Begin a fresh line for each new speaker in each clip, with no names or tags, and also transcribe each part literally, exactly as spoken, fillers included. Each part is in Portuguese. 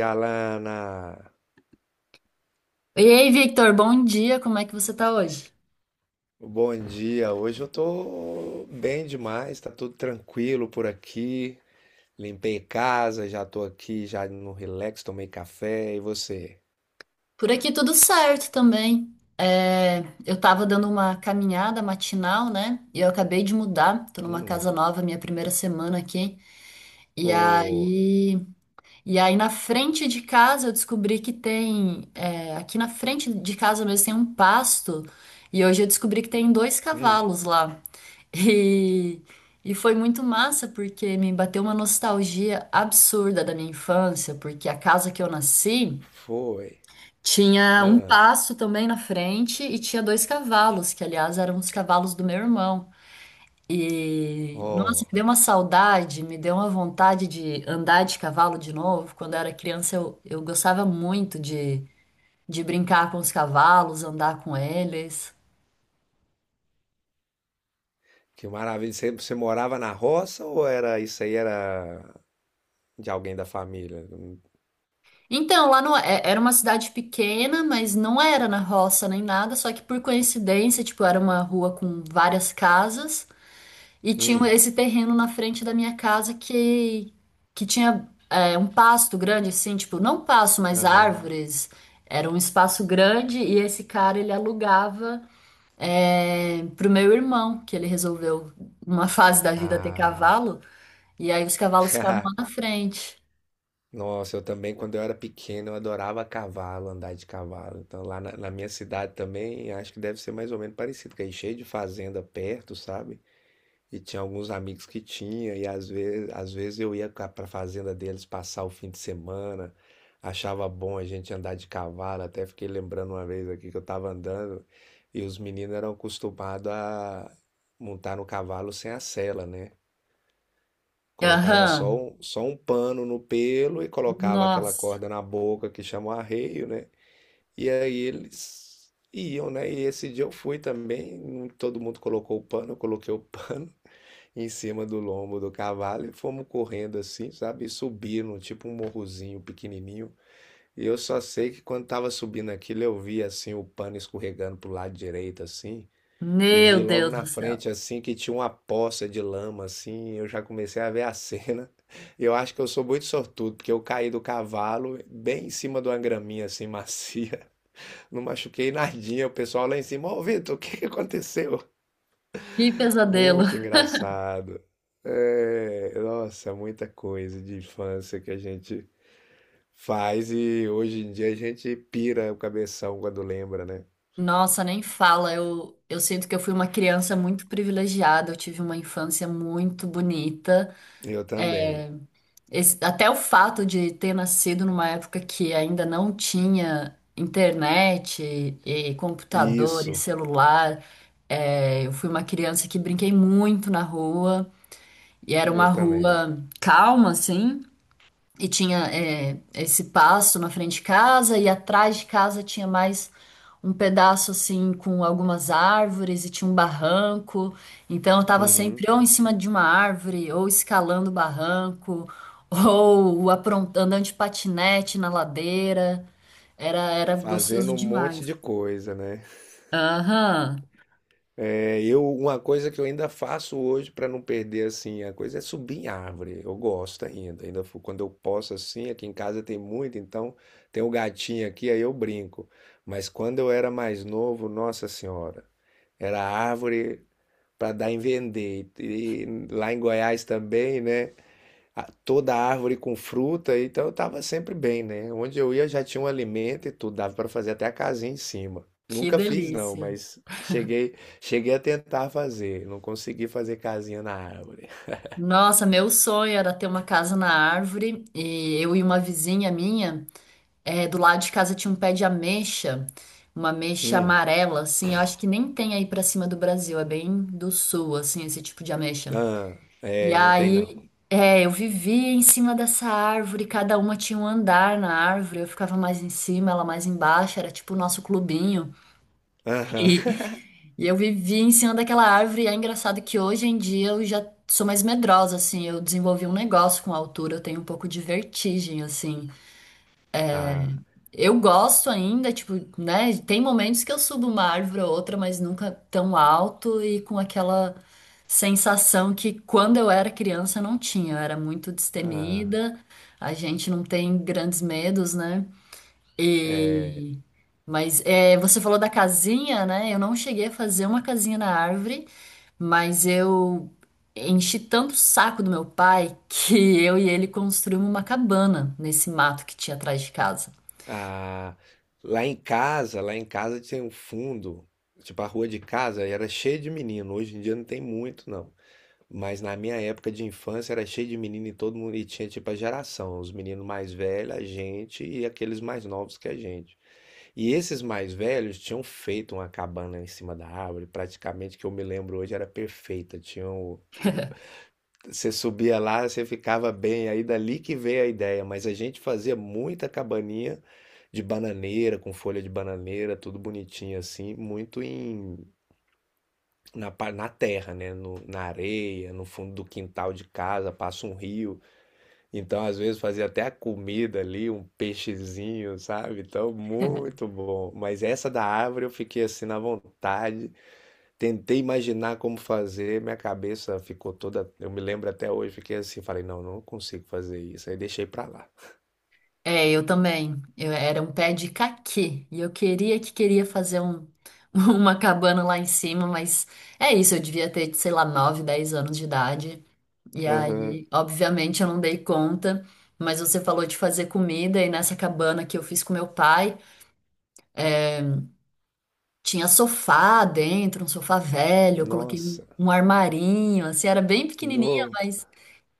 E, Alana,
E aí, Victor, bom dia, como é que você tá hoje?
bom dia. Hoje eu tô bem demais, tá tudo tranquilo por aqui. Limpei casa, já tô aqui, já no relax, tomei café. E você?
Por aqui tudo certo também. É, eu tava dando uma caminhada matinal, né? E eu acabei de mudar, tô numa
Hum,
casa nova, minha primeira semana aqui. E
oh,
aí, e aí na frente de casa eu descobri que tem, é, aqui na frente de casa mesmo tem um pasto. E hoje eu descobri que tem dois
hum,
cavalos lá. E, e foi muito massa porque me bateu uma nostalgia absurda da minha infância, porque a casa que eu nasci
foi.
tinha um
Ah,
passo também na frente e tinha dois cavalos, que aliás eram os cavalos do meu irmão. E nossa,
oh,
me deu uma saudade, me deu uma vontade de andar de cavalo de novo. Quando eu era criança, eu, eu gostava muito de, de brincar com os cavalos, andar com eles.
que maravilha. Você, você morava na roça ou era isso aí era de alguém da família?
Então, lá no, é- era uma cidade pequena, mas não era na roça nem nada, só que por coincidência, tipo, era uma rua com várias casas e tinha um,
Hum,
esse terreno na frente da minha casa que, que tinha é, um pasto grande, assim, tipo, não pasto, mas
aham.
árvores. Era um espaço grande e esse cara, ele alugava é, pro meu irmão, que ele resolveu, numa fase da vida, ter
Ah,
cavalo, e aí os cavalos ficavam lá na frente.
Nossa, eu também, quando eu era pequeno, eu adorava cavalo, andar de cavalo. Então, lá na, na minha cidade também, acho que deve ser mais ou menos parecido, que aí cheio de fazenda perto, sabe? E tinha alguns amigos que tinha, e às vezes, às vezes eu ia ca- pra fazenda deles passar o fim de semana, achava bom a gente andar de cavalo, até fiquei lembrando uma vez aqui que eu tava andando, e os meninos eram acostumados a montar no cavalo sem a sela, né? Colocava só
Aham.
um, só um pano no pelo e colocava aquela
Nossa.
corda na boca que chama arreio, né? E aí eles iam, né? E esse dia eu fui também, não- todo mundo colocou o pano, eu coloquei o pano em cima do lombo do cavalo e fomos correndo assim, sabe? E subindo, tipo um morrozinho pequenininho. E eu só sei que quando tava subindo aquilo, eu vi assim o pano escorregando pro lado direito, assim. E
Meu
vi logo
Deus
na
do céu.
frente, assim, que tinha uma poça de lama, assim, eu já comecei a ver a cena. Eu acho que eu sou muito sortudo, porque eu caí do cavalo bem em cima de uma graminha, assim, macia. Não machuquei nadinha, o pessoal lá em cima, ô Vitor, o que que aconteceu?
Que pesadelo.
Muito engraçado. É, nossa, muita coisa de infância que a gente faz e hoje em dia a gente pira o cabeção quando lembra, né?
Nossa, nem fala. Eu, eu sinto que eu fui uma criança muito privilegiada. Eu tive uma infância muito bonita.
Eu também.
Esse- até o fato de ter nascido numa época que ainda não tinha internet e computador e
Isso,
celular. É, eu fui uma criança que brinquei muito na rua. E era
eu
uma
também.
rua calma, assim. E tinha, é, esse pasto na frente de casa, e atrás de casa tinha mais um pedaço assim com algumas árvores, e tinha um barranco. Então eu tava
Uhum.
sempre ou em cima de uma árvore, ou escalando o barranco, ou apron- andando de patinete na ladeira. Era, era
Fazendo
gostoso
um monte
demais.
de coisa, né?
Aham,
É, eu, uma coisa que eu ainda faço hoje para não perder assim a coisa é subir em árvore. Eu gosto ainda, ainda fu- quando eu posso assim, aqui em casa tem muito, então tem o gatinho aqui, aí eu brinco. Mas quando eu era mais novo, nossa senhora, era árvore para dar em vender. E, e lá em Goiás também, né? a- toda árvore com fruta, então eu tava sempre bem, né? Onde eu ia já tinha um alimento e tudo, dava para fazer até a casinha em cima.
que
Nunca fiz não,
delícia.
mas cheguei, cheguei a tentar fazer, não consegui fazer casinha na árvore.
Nossa, meu sonho era ter uma casa na árvore, e eu e uma vizinha minha. É, do lado de casa tinha um pé de ameixa, uma ameixa
Hum.
amarela, assim, eu acho que nem tem aí pra cima do Brasil, é bem do sul, assim, esse tipo de ameixa.
Ah,
E
é, não tem não.
aí, é, eu vivia em cima dessa árvore, cada uma tinha um andar na árvore, eu ficava mais em cima, ela mais embaixo, era tipo o nosso clubinho.
Aham.
E, e eu vivia em cima daquela árvore, e é engraçado que hoje em dia eu já sou mais medrosa, assim, eu desenvolvi um negócio com a altura, eu tenho um pouco de vertigem, assim.
Ah,
Eu gosto ainda, tipo, né? Tem momentos que eu subo uma árvore ou outra, mas nunca tão alto e com aquela sensação que quando eu era criança eu não tinha. Eu era muito
ah,
destemida, a gente não tem grandes medos, né?
é.
E... Mas é, você falou da casinha, né? Eu não cheguei a fazer uma casinha na árvore, mas eu enchi tanto o saco do meu pai que eu e ele construímos uma cabana nesse mato que tinha atrás de casa.
Ah, lá em casa, lá em casa tinha um fundo, tipo a rua de casa era cheia de menino, hoje em dia não tem muito não. Mas na minha época de infância era cheio de menino e todo mundo e tinha tipo a geração, os meninos mais velhos, a gente e aqueles mais novos que a gente. E esses mais velhos tinham feito uma cabana em cima da árvore, praticamente que eu me lembro hoje era perfeita. Tinham o- o- você subia lá, você ficava bem, aí dali que veio a ideia, mas a gente fazia muita cabaninha de bananeira, com folha de bananeira, tudo bonitinho assim, muito em na, pa- na terra, né? No, Na areia, no fundo do quintal de casa, passa um rio. Então, às vezes, fazia até a comida ali, um peixezinho, sabe? Então, muito bom. Mas essa da árvore eu fiquei assim na vontade. Tentei imaginar como fazer, minha cabeça ficou toda. Eu me lembro até hoje, fiquei assim, falei, não, não consigo fazer isso. Aí deixei pra lá.
É, eu também. Eu era um pé de caqui e eu queria que queria fazer um, uma cabana lá em cima, mas é isso, eu devia ter, sei lá, nove, dez anos de idade. E
Aham.
aí, obviamente, eu não dei conta, mas você falou de fazer comida e nessa cabana que eu fiz com meu pai, tinha sofá dentro, um sofá velho, eu coloquei um,
Nossa.
um armarinho, assim, era bem pequenininha.
No.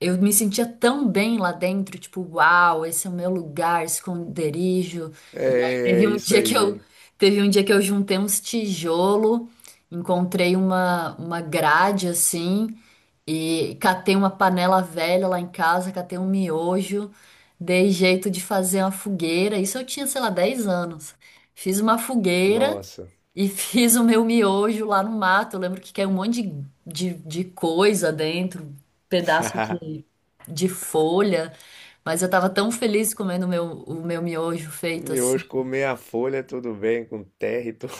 Eu me sentia tão bem lá dentro, tipo, uau, esse é o meu lugar, esconderijo. E aí teve
É,
um
isso
dia que eu
aí.
Teve um dia que eu juntei uns tijolo, encontrei uma uma grade assim e catei uma panela velha lá em casa, catei um miojo, dei jeito de fazer uma fogueira. Isso eu tinha, sei lá, dez anos. Fiz uma fogueira
Nossa.
e fiz o meu miojo lá no mato. Eu lembro que caiu um monte de, de, de coisa dentro, pedaço de, de folha. Mas eu tava tão feliz comendo o meu, o meu miojo
O
feito assim.
miojo com meia folha, tudo bem, com terra e tudo.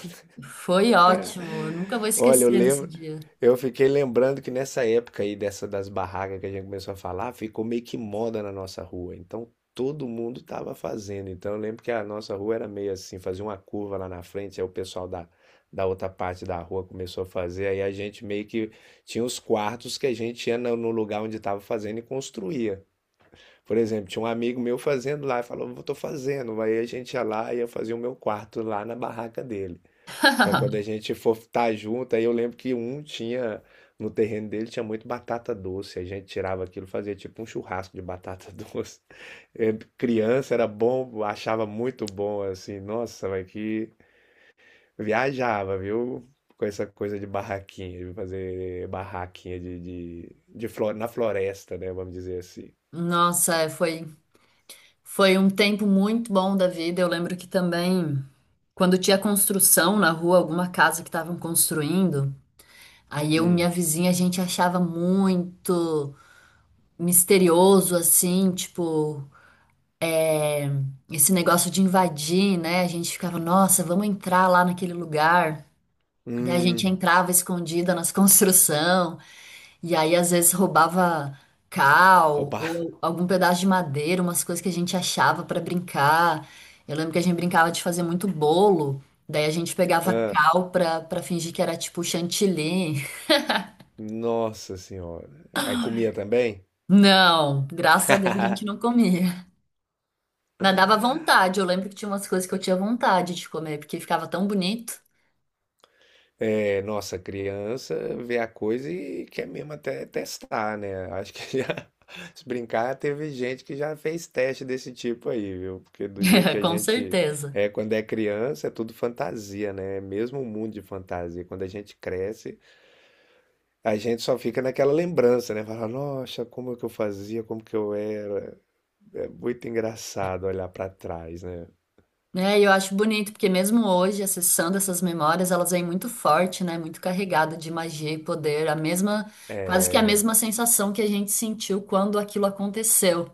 Foi ótimo. Eu nunca vou
Olha, eu
esquecer desse
lembro,
dia.
eu fiquei lembrando que nessa época aí, dessa das barracas que a gente começou a falar, ficou meio que moda na nossa rua. Então todo mundo tava fazendo. Então eu lembro que a nossa rua era meio assim, fazia uma curva lá na frente, aí o pessoal da, da outra parte da rua começou a fazer. Aí a gente meio que tinha os quartos que a gente ia no no lugar onde tava fazendo e construía. Por exemplo, tinha um amigo meu fazendo lá, falou, eu tô fazendo. Aí a gente ia lá e eu fazia o meu quarto lá na barraca dele. Pra quando a gente for estar junto, aí eu lembro que um tinha, no terreno dele tinha muito batata doce. A gente tirava aquilo, fazia tipo um churrasco de batata doce. É, criança era bom, achava muito bom, assim, nossa, mas que viajava, viu? Com essa coisa de barraquinha, de fazer barraquinha de, de, de flo- na floresta, né? Vamos dizer assim.
Nossa, é, foi, foi um tempo muito bom da vida. Eu lembro que também, quando tinha construção na rua, alguma casa que estavam construindo, aí eu e
Hum.
minha vizinha, a gente achava muito misterioso, assim, tipo, esse negócio de invadir, né? A gente ficava, nossa, vamos entrar lá naquele lugar. Daí a gente
Hum.
entrava escondida nas construção, e aí às vezes roubava cal
Roubar.
ou algum pedaço de madeira, umas coisas que a gente achava para brincar. Eu lembro que a gente brincava de fazer muito bolo, daí a gente pegava
Ah,
cal pra, pra fingir que era tipo chantilly.
nossa senhora. Aí comia também?
Não, graças a Deus a gente não comia. Mas dava vontade, eu lembro que tinha umas coisas que eu tinha vontade de comer, porque ficava tão bonito.
É, nossa, criança vê a coisa e quer mesmo até testar, né? Acho que já, se brincar, teve gente que já fez teste desse tipo aí, viu? Porque do jeito que a
Com
gente
certeza.
é quando é criança, é tudo fantasia, né? É mesmo um mundo de fantasia. Quando a gente cresce, a gente só fica naquela lembrança, né? Fala, nossa, como que eu fazia, como que eu era. É muito engraçado olhar pra trás, né?
Né? E eu acho bonito, porque mesmo hoje, acessando essas memórias, elas vêm muito forte, né? Muito carregada de magia e poder, a mesma, quase que a
É,
mesma sensação que a gente sentiu quando aquilo aconteceu.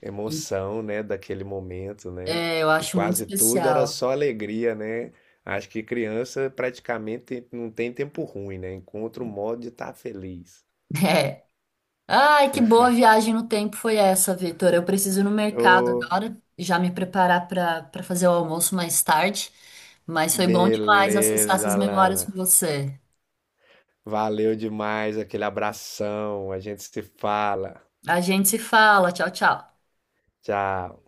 emoção, né, daquele momento, né?
É, eu
Que
acho muito
quase tudo era
especial.
só alegria, né? Acho que criança praticamente não tem tempo ruim, né? Encontra um modo de estar feliz.
É. Ai, que boa viagem no tempo foi essa, Vitor. Eu preciso ir no mercado
Ô,
agora, já me preparar para para fazer o almoço mais tarde. Mas foi bom demais acessar
beleza,
essas memórias
Alana.
com você.
Valeu demais aquele abração. A gente se fala.
A gente se fala. Tchau, tchau.
Tchau.